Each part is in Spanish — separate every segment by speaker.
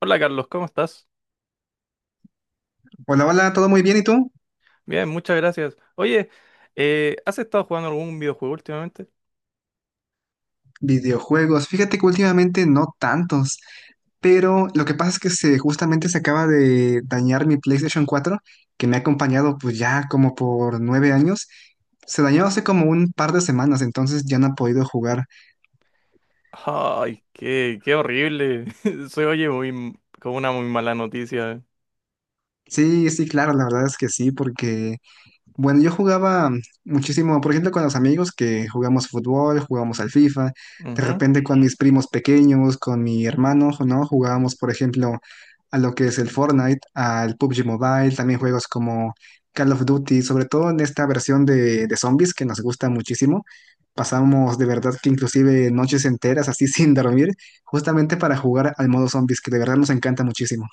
Speaker 1: Hola Carlos, ¿cómo estás?
Speaker 2: Hola, hola, ¿todo muy bien? ¿Y tú?
Speaker 1: Bien, muchas gracias. Oye, ¿has estado jugando algún videojuego últimamente?
Speaker 2: Videojuegos. Fíjate que últimamente no tantos, pero lo que pasa es que justamente se acaba de dañar mi PlayStation cuatro que me ha acompañado pues ya como por 9 años. Se dañó hace como un par de semanas, entonces ya no he podido jugar.
Speaker 1: Ay, qué horrible. Se oye como una muy mala noticia.
Speaker 2: Sí, sí, claro, la verdad es que sí, porque bueno, yo jugaba muchísimo, por ejemplo, con los amigos que jugamos fútbol, jugamos al FIFA, de
Speaker 1: Ujú.
Speaker 2: repente con mis primos pequeños, con mi hermano, ¿no? Jugábamos, por ejemplo, a lo que es el Fortnite, al PUBG Mobile, también juegos como Call of Duty, sobre todo en esta versión de zombies que nos gusta muchísimo. Pasamos de verdad que inclusive noches enteras así sin dormir, justamente para jugar al modo zombies, que de verdad nos encanta muchísimo.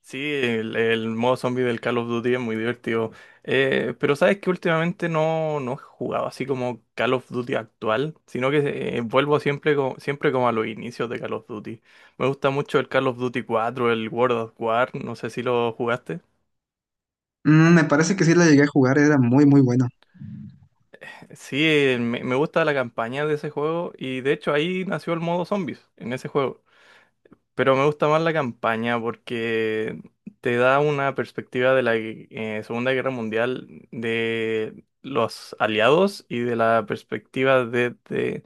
Speaker 1: Sí, el modo zombie del Call of Duty es muy divertido. Pero sabes que últimamente no he jugado así como Call of Duty actual, sino que vuelvo siempre como a los inicios de Call of Duty. Me gusta mucho el Call of Duty 4, el World of War, no sé si lo jugaste.
Speaker 2: Mm, me parece que sí lo llegué a jugar, era muy, muy bueno.
Speaker 1: Sí, me gusta la campaña de ese juego y de hecho ahí nació el modo zombies en ese juego. Pero me gusta más la campaña porque te da una perspectiva de la Segunda Guerra Mundial de los aliados y de la perspectiva de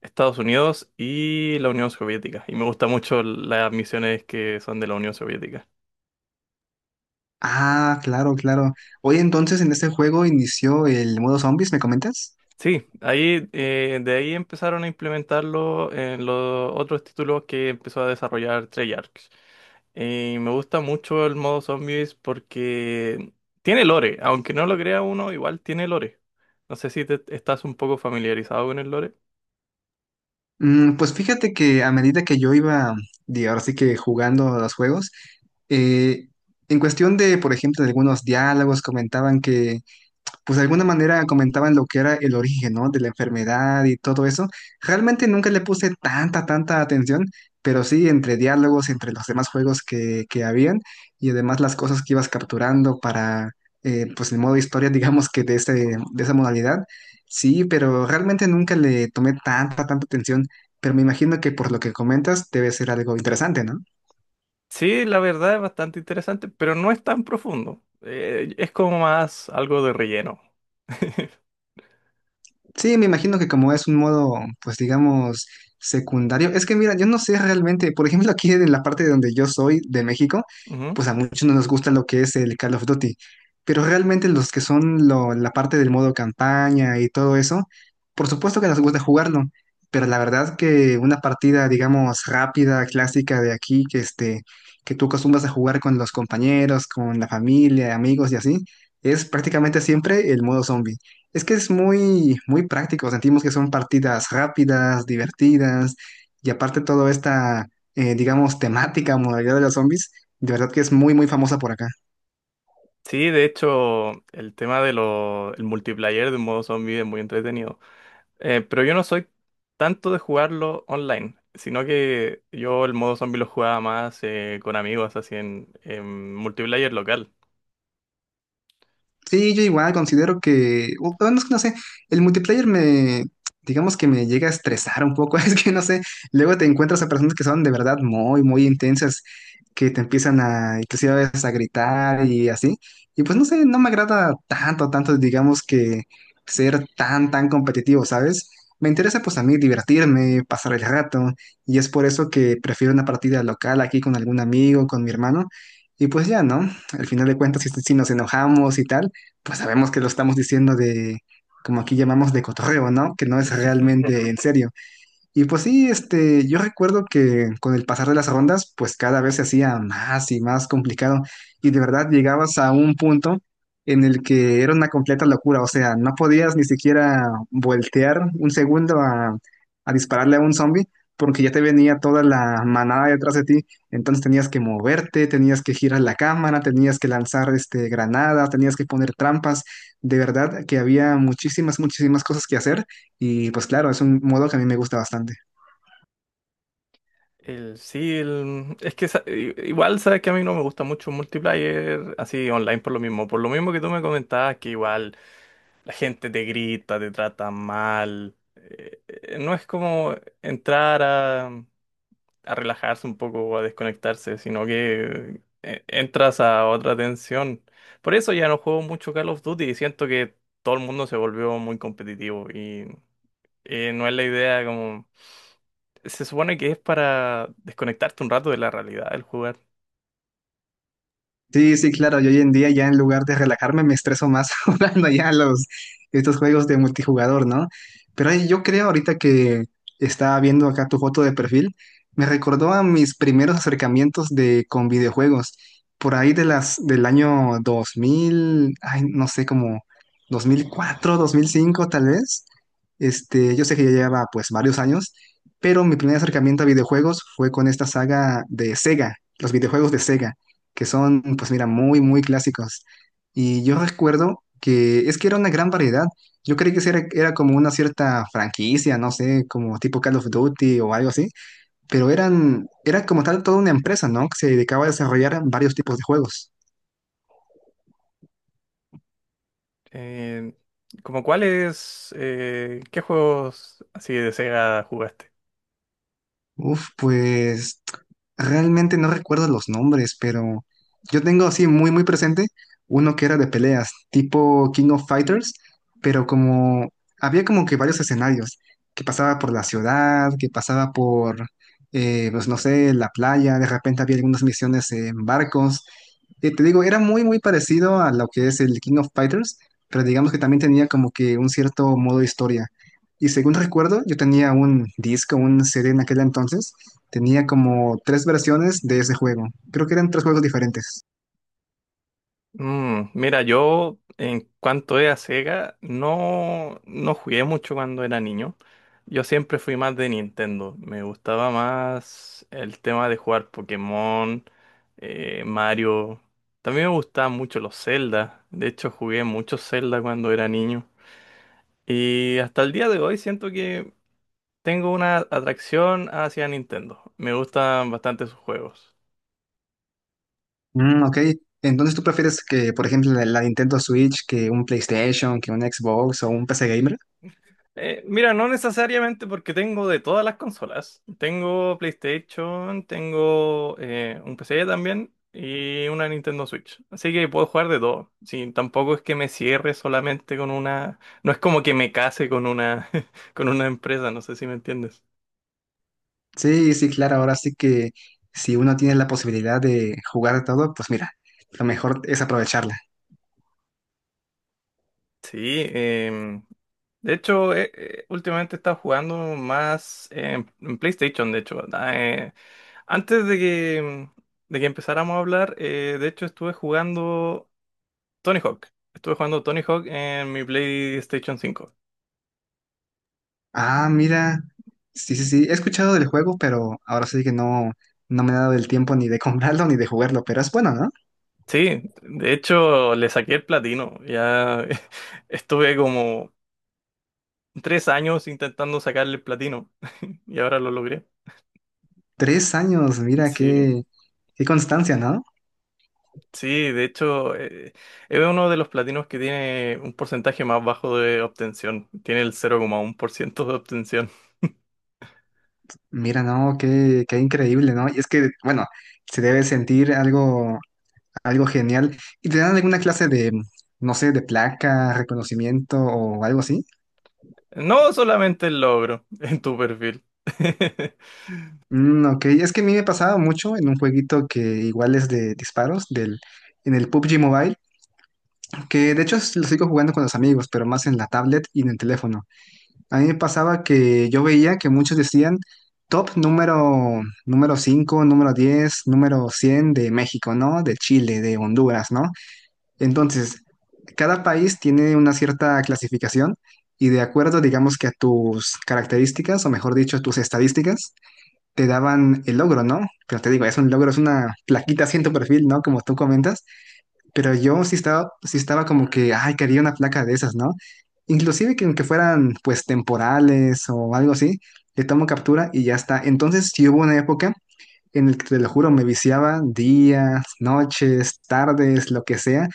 Speaker 1: Estados Unidos y la Unión Soviética. Y me gusta mucho las misiones que son de la Unión Soviética.
Speaker 2: Ah, claro, claro. Hoy entonces en este juego inició el modo zombies, ¿me comentas?
Speaker 1: Sí, ahí de ahí empezaron a implementarlo en los otros títulos que empezó a desarrollar Treyarch. Y me gusta mucho el modo zombies porque tiene lore, aunque no lo crea uno, igual tiene lore. No sé si te estás un poco familiarizado con el lore.
Speaker 2: Mm, pues fíjate que a medida que yo iba, digo, ahora sí que jugando a los juegos, eh, en cuestión de, por ejemplo, de algunos diálogos comentaban que pues de alguna manera comentaban lo que era el origen, ¿no? De la enfermedad y todo eso. Realmente nunca le puse tanta, tanta atención, pero sí entre diálogos, entre los demás juegos que habían y además las cosas que ibas capturando para, pues el modo historia, digamos que de ese, de esa modalidad. Sí, pero realmente nunca le tomé tanta, tanta atención, pero me imagino que por lo que comentas debe ser algo interesante, ¿no?
Speaker 1: Sí, la verdad es bastante interesante, pero no es tan profundo. Es como más algo de relleno.
Speaker 2: Sí, me imagino que como es un modo, pues digamos, secundario. Es que mira, yo no sé realmente, por ejemplo, aquí en la parte de donde yo soy, de México,
Speaker 1: Ujú.
Speaker 2: pues a muchos no nos gusta lo que es el Call of Duty, pero realmente los que son la parte del modo campaña y todo eso, por supuesto que nos gusta jugarlo, pero la verdad que una partida, digamos, rápida, clásica de aquí, que este, que tú acostumbras a jugar con los compañeros, con la familia, amigos y así, es prácticamente siempre el modo zombie. Es que es muy, muy práctico. Sentimos que son partidas rápidas, divertidas, y aparte toda esta, digamos, temática, modalidad de los zombies, de verdad que es muy, muy famosa por acá.
Speaker 1: Sí, de hecho, el tema de lo, el multiplayer de modo zombie es muy entretenido. Pero yo no soy tanto de jugarlo online, sino que yo el modo zombie lo jugaba más con amigos, así en multiplayer local.
Speaker 2: Sí, yo igual considero que, bueno, es que no sé, el multiplayer me, digamos que me llega a estresar un poco, es que no sé, luego te encuentras a personas que son de verdad muy, muy intensas, que te empiezan a, inclusive a veces a gritar y así, y pues no sé, no me agrada tanto, tanto, digamos que ser tan, tan competitivo, ¿sabes? Me interesa pues a mí divertirme, pasar el rato, y es por eso que prefiero una partida local aquí con algún amigo, con mi hermano. Y pues ya, ¿no? Al final de cuentas, si nos enojamos y tal, pues sabemos que lo estamos diciendo de, como aquí llamamos, de cotorreo, ¿no? Que no es realmente en serio. Y pues sí, este, yo recuerdo que con el pasar de las rondas, pues cada vez se hacía más y más complicado. Y de verdad llegabas a un punto en el que era una completa locura. O sea, no podías ni siquiera voltear un segundo a dispararle a un zombie, porque ya te venía toda la manada detrás de ti. Entonces tenías que moverte, tenías que girar la cámara, tenías que lanzar este, granadas, tenías que poner trampas. De verdad que había muchísimas, muchísimas cosas que hacer. Y pues claro, es un modo que a mí me gusta bastante.
Speaker 1: El, sí, el- es que sa- i- Igual sabes que a mí no me gusta mucho un multiplayer así online por lo mismo que tú me comentabas que igual la gente te grita, te trata mal, no es como entrar a relajarse un poco o a desconectarse, sino que entras a otra tensión. Por eso ya no juego mucho Call of Duty y siento que todo el mundo se volvió muy competitivo y, no es la idea como... Se supone que es para desconectarte un rato de la realidad del jugar.
Speaker 2: Sí, sí, claro. Yo hoy en día ya en lugar de relajarme me estreso más jugando ya los estos juegos de multijugador, ¿no? Pero ahí yo creo ahorita que estaba viendo acá tu foto de perfil, me recordó a mis primeros acercamientos de con videojuegos por ahí de las del año 2000, ay, no sé, como 2004, 2005 tal vez. Este, yo sé que ya lleva pues varios años, pero mi primer acercamiento a videojuegos fue con esta saga de Sega, los videojuegos de Sega que son, pues mira, muy, muy clásicos. Y yo recuerdo que es que era una gran variedad. Yo creí que sí era, era como una cierta franquicia, no sé, como tipo Call of Duty o algo así, pero eran, era como tal toda una empresa, ¿no? Que se dedicaba a desarrollar varios tipos de juegos.
Speaker 1: Eh, como cuáles, ¿qué juegos así de Sega jugaste?
Speaker 2: Uf, pues realmente no recuerdo los nombres, pero yo tengo así muy, muy presente uno que era de peleas, tipo King of Fighters, pero como había como que varios escenarios, que pasaba por la ciudad, que pasaba por, pues no sé, la playa, de repente había algunas misiones en barcos. Te digo, era muy, muy parecido a lo que es el King of Fighters, pero digamos que también tenía como que un cierto modo historia. Y según recuerdo, yo tenía un disco, un CD en aquel entonces. Tenía como 3 versiones de ese juego. Creo que eran 3 juegos diferentes.
Speaker 1: Mm, mira, yo en cuanto es a Sega, no jugué mucho cuando era niño. Yo siempre fui más de Nintendo. Me gustaba más el tema de jugar Pokémon, Mario. También me gustaban mucho los Zelda. De hecho, jugué mucho Zelda cuando era niño. Y hasta el día de hoy siento que tengo una atracción hacia Nintendo. Me gustan bastante sus juegos.
Speaker 2: Mm, ok. Entonces, ¿tú prefieres que, por ejemplo, la Nintendo Switch, que un PlayStation, que un Xbox o un PC Gamer?
Speaker 1: Mira, no necesariamente porque tengo de todas las consolas. Tengo PlayStation, tengo un PC también y una Nintendo Switch. Así que puedo jugar de todo. Sí, tampoco es que me cierre solamente con una... No es como que me case con una, con una empresa, no sé si me entiendes.
Speaker 2: Sí, sí, claro. Ahora sí que si uno tiene la posibilidad de jugar todo, pues mira, lo mejor es aprovecharla.
Speaker 1: Sí, de hecho, últimamente he estado jugando más en PlayStation, de hecho. Eh, antes de de que empezáramos a hablar, de hecho estuve jugando Tony Hawk. Estuve jugando Tony Hawk en mi PlayStation 5.
Speaker 2: Ah, mira. Sí, sí, sí. He escuchado del juego, pero ahora sí que no, no me he dado el tiempo ni de comprarlo ni de jugarlo. Pero es bueno, ¿no?
Speaker 1: Sí, de hecho le saqué el platino. Ya estuve como 3 años intentando sacarle el platino y ahora lo logré.
Speaker 2: Tres años, mira
Speaker 1: Sí,
Speaker 2: qué, qué constancia, ¿no?
Speaker 1: sí, de hecho es uno de los platinos que tiene un porcentaje más bajo de obtención. Tiene el 0,1% de obtención.
Speaker 2: Mira, no, qué, qué increíble, ¿no? Y es que, bueno, se debe sentir algo, algo genial. ¿Y te dan alguna clase de, no sé, de placa, reconocimiento o algo así?
Speaker 1: No solamente el logro en tu perfil.
Speaker 2: Mm, ok, es que a mí me pasaba mucho en un jueguito que igual es de disparos, del, en el PUBG Mobile, que de hecho lo sigo jugando con los amigos, pero más en la tablet y en el teléfono. A mí me pasaba que yo veía que muchos decían top número, número 5, número 10, número 100 de México, ¿no? De Chile, de Honduras, ¿no? Entonces, cada país tiene una cierta clasificación y de acuerdo, digamos que a tus características, o mejor dicho, a tus estadísticas, te daban el logro, ¿no? Pero te digo, es un logro, es una plaquita así en tu perfil, ¿no? Como tú comentas, pero yo sí estaba como que, ay, quería una placa de esas, ¿no? Inclusive que aunque fueran pues temporales o algo así, le tomo captura y ya está. Entonces sí hubo una época en el que te lo juro, me viciaba días, noches, tardes, lo que sea.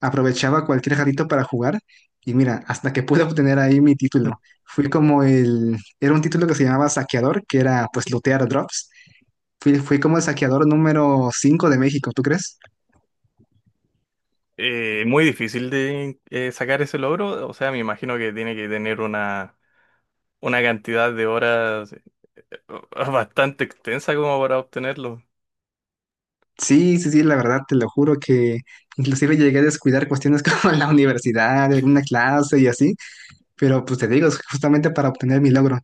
Speaker 2: Aprovechaba cualquier jarrito para jugar y mira, hasta que pude obtener ahí mi título. Fui como el, era un título que se llamaba Saqueador, que era pues lootear drops. Fui como el saqueador número 5 de México, ¿tú crees?
Speaker 1: Muy difícil de sacar ese logro, o sea, me imagino que tiene que tener una cantidad de horas bastante extensa como para obtenerlo.
Speaker 2: Sí, sí, sí, la verdad, te lo juro que inclusive llegué a descuidar cuestiones como la universidad, alguna clase y así, pero pues te digo, es justamente para obtener mi logro.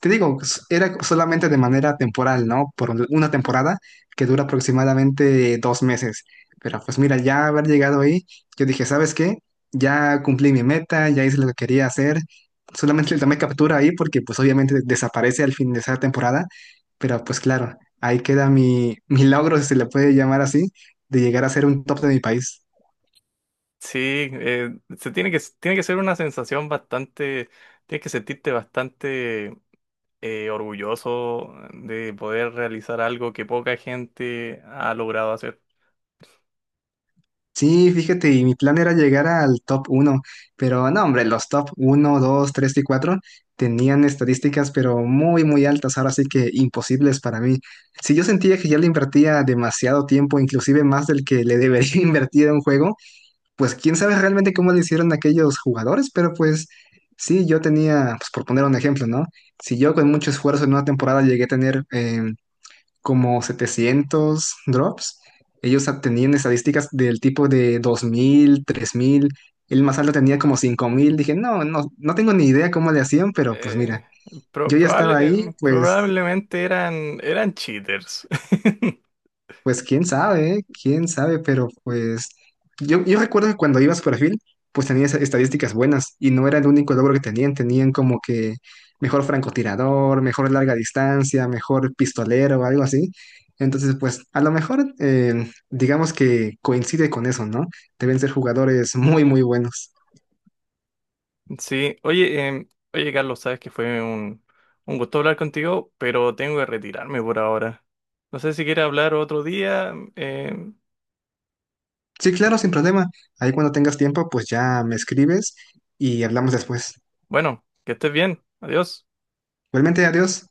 Speaker 2: Te digo, era solamente de manera temporal, ¿no? Por una temporada que dura aproximadamente 2 meses. Pero pues mira, ya haber llegado ahí, yo dije, ¿sabes qué? Ya cumplí mi meta, ya hice lo que quería hacer. Solamente le tomé captura ahí porque pues obviamente desaparece al fin de esa temporada. Pero pues claro, ahí queda mi, mi logro, si se le puede llamar así, de llegar a ser un top de mi país.
Speaker 1: Sí, se tiene tiene que ser una sensación bastante, tienes que sentirte bastante orgulloso de poder realizar algo que poca gente ha logrado hacer.
Speaker 2: Sí, fíjate, y mi plan era llegar al top uno, pero no, hombre, los top uno, 2, 3 y 4 tenían estadísticas, pero muy, muy altas, ahora sí que imposibles para mí. Si yo sentía que ya le invertía demasiado tiempo, inclusive más del que le debería invertir a un juego, pues quién sabe realmente cómo le hicieron aquellos jugadores, pero pues sí, yo tenía, pues por poner un ejemplo, ¿no? Si yo con mucho esfuerzo en una temporada llegué a tener como 700 drops. Ellos tenían estadísticas del tipo de 2000, 3000. El más alto tenía como 5000. Dije, no, no, no tengo ni idea cómo le hacían, pero pues mira,
Speaker 1: Eh,
Speaker 2: yo ya estaba ahí, pues.
Speaker 1: Probablemente eran cheaters.
Speaker 2: Pues quién sabe, ¿eh? Quién sabe, pero pues yo recuerdo que cuando ibas por perfil, pues tenías estadísticas buenas y no era el único logro que tenían, tenían como que mejor francotirador, mejor larga distancia, mejor pistolero, o algo así. Entonces, pues a lo mejor digamos que coincide con eso, ¿no? Deben ser jugadores muy, muy buenos.
Speaker 1: Sí, oye, oye Carlos, sabes que fue un gusto hablar contigo, pero tengo que retirarme por ahora. No sé si quieres hablar otro día.
Speaker 2: Sí, claro, sin problema. Ahí cuando tengas tiempo, pues ya me escribes y hablamos después.
Speaker 1: Bueno, que estés bien. Adiós.
Speaker 2: Igualmente, adiós.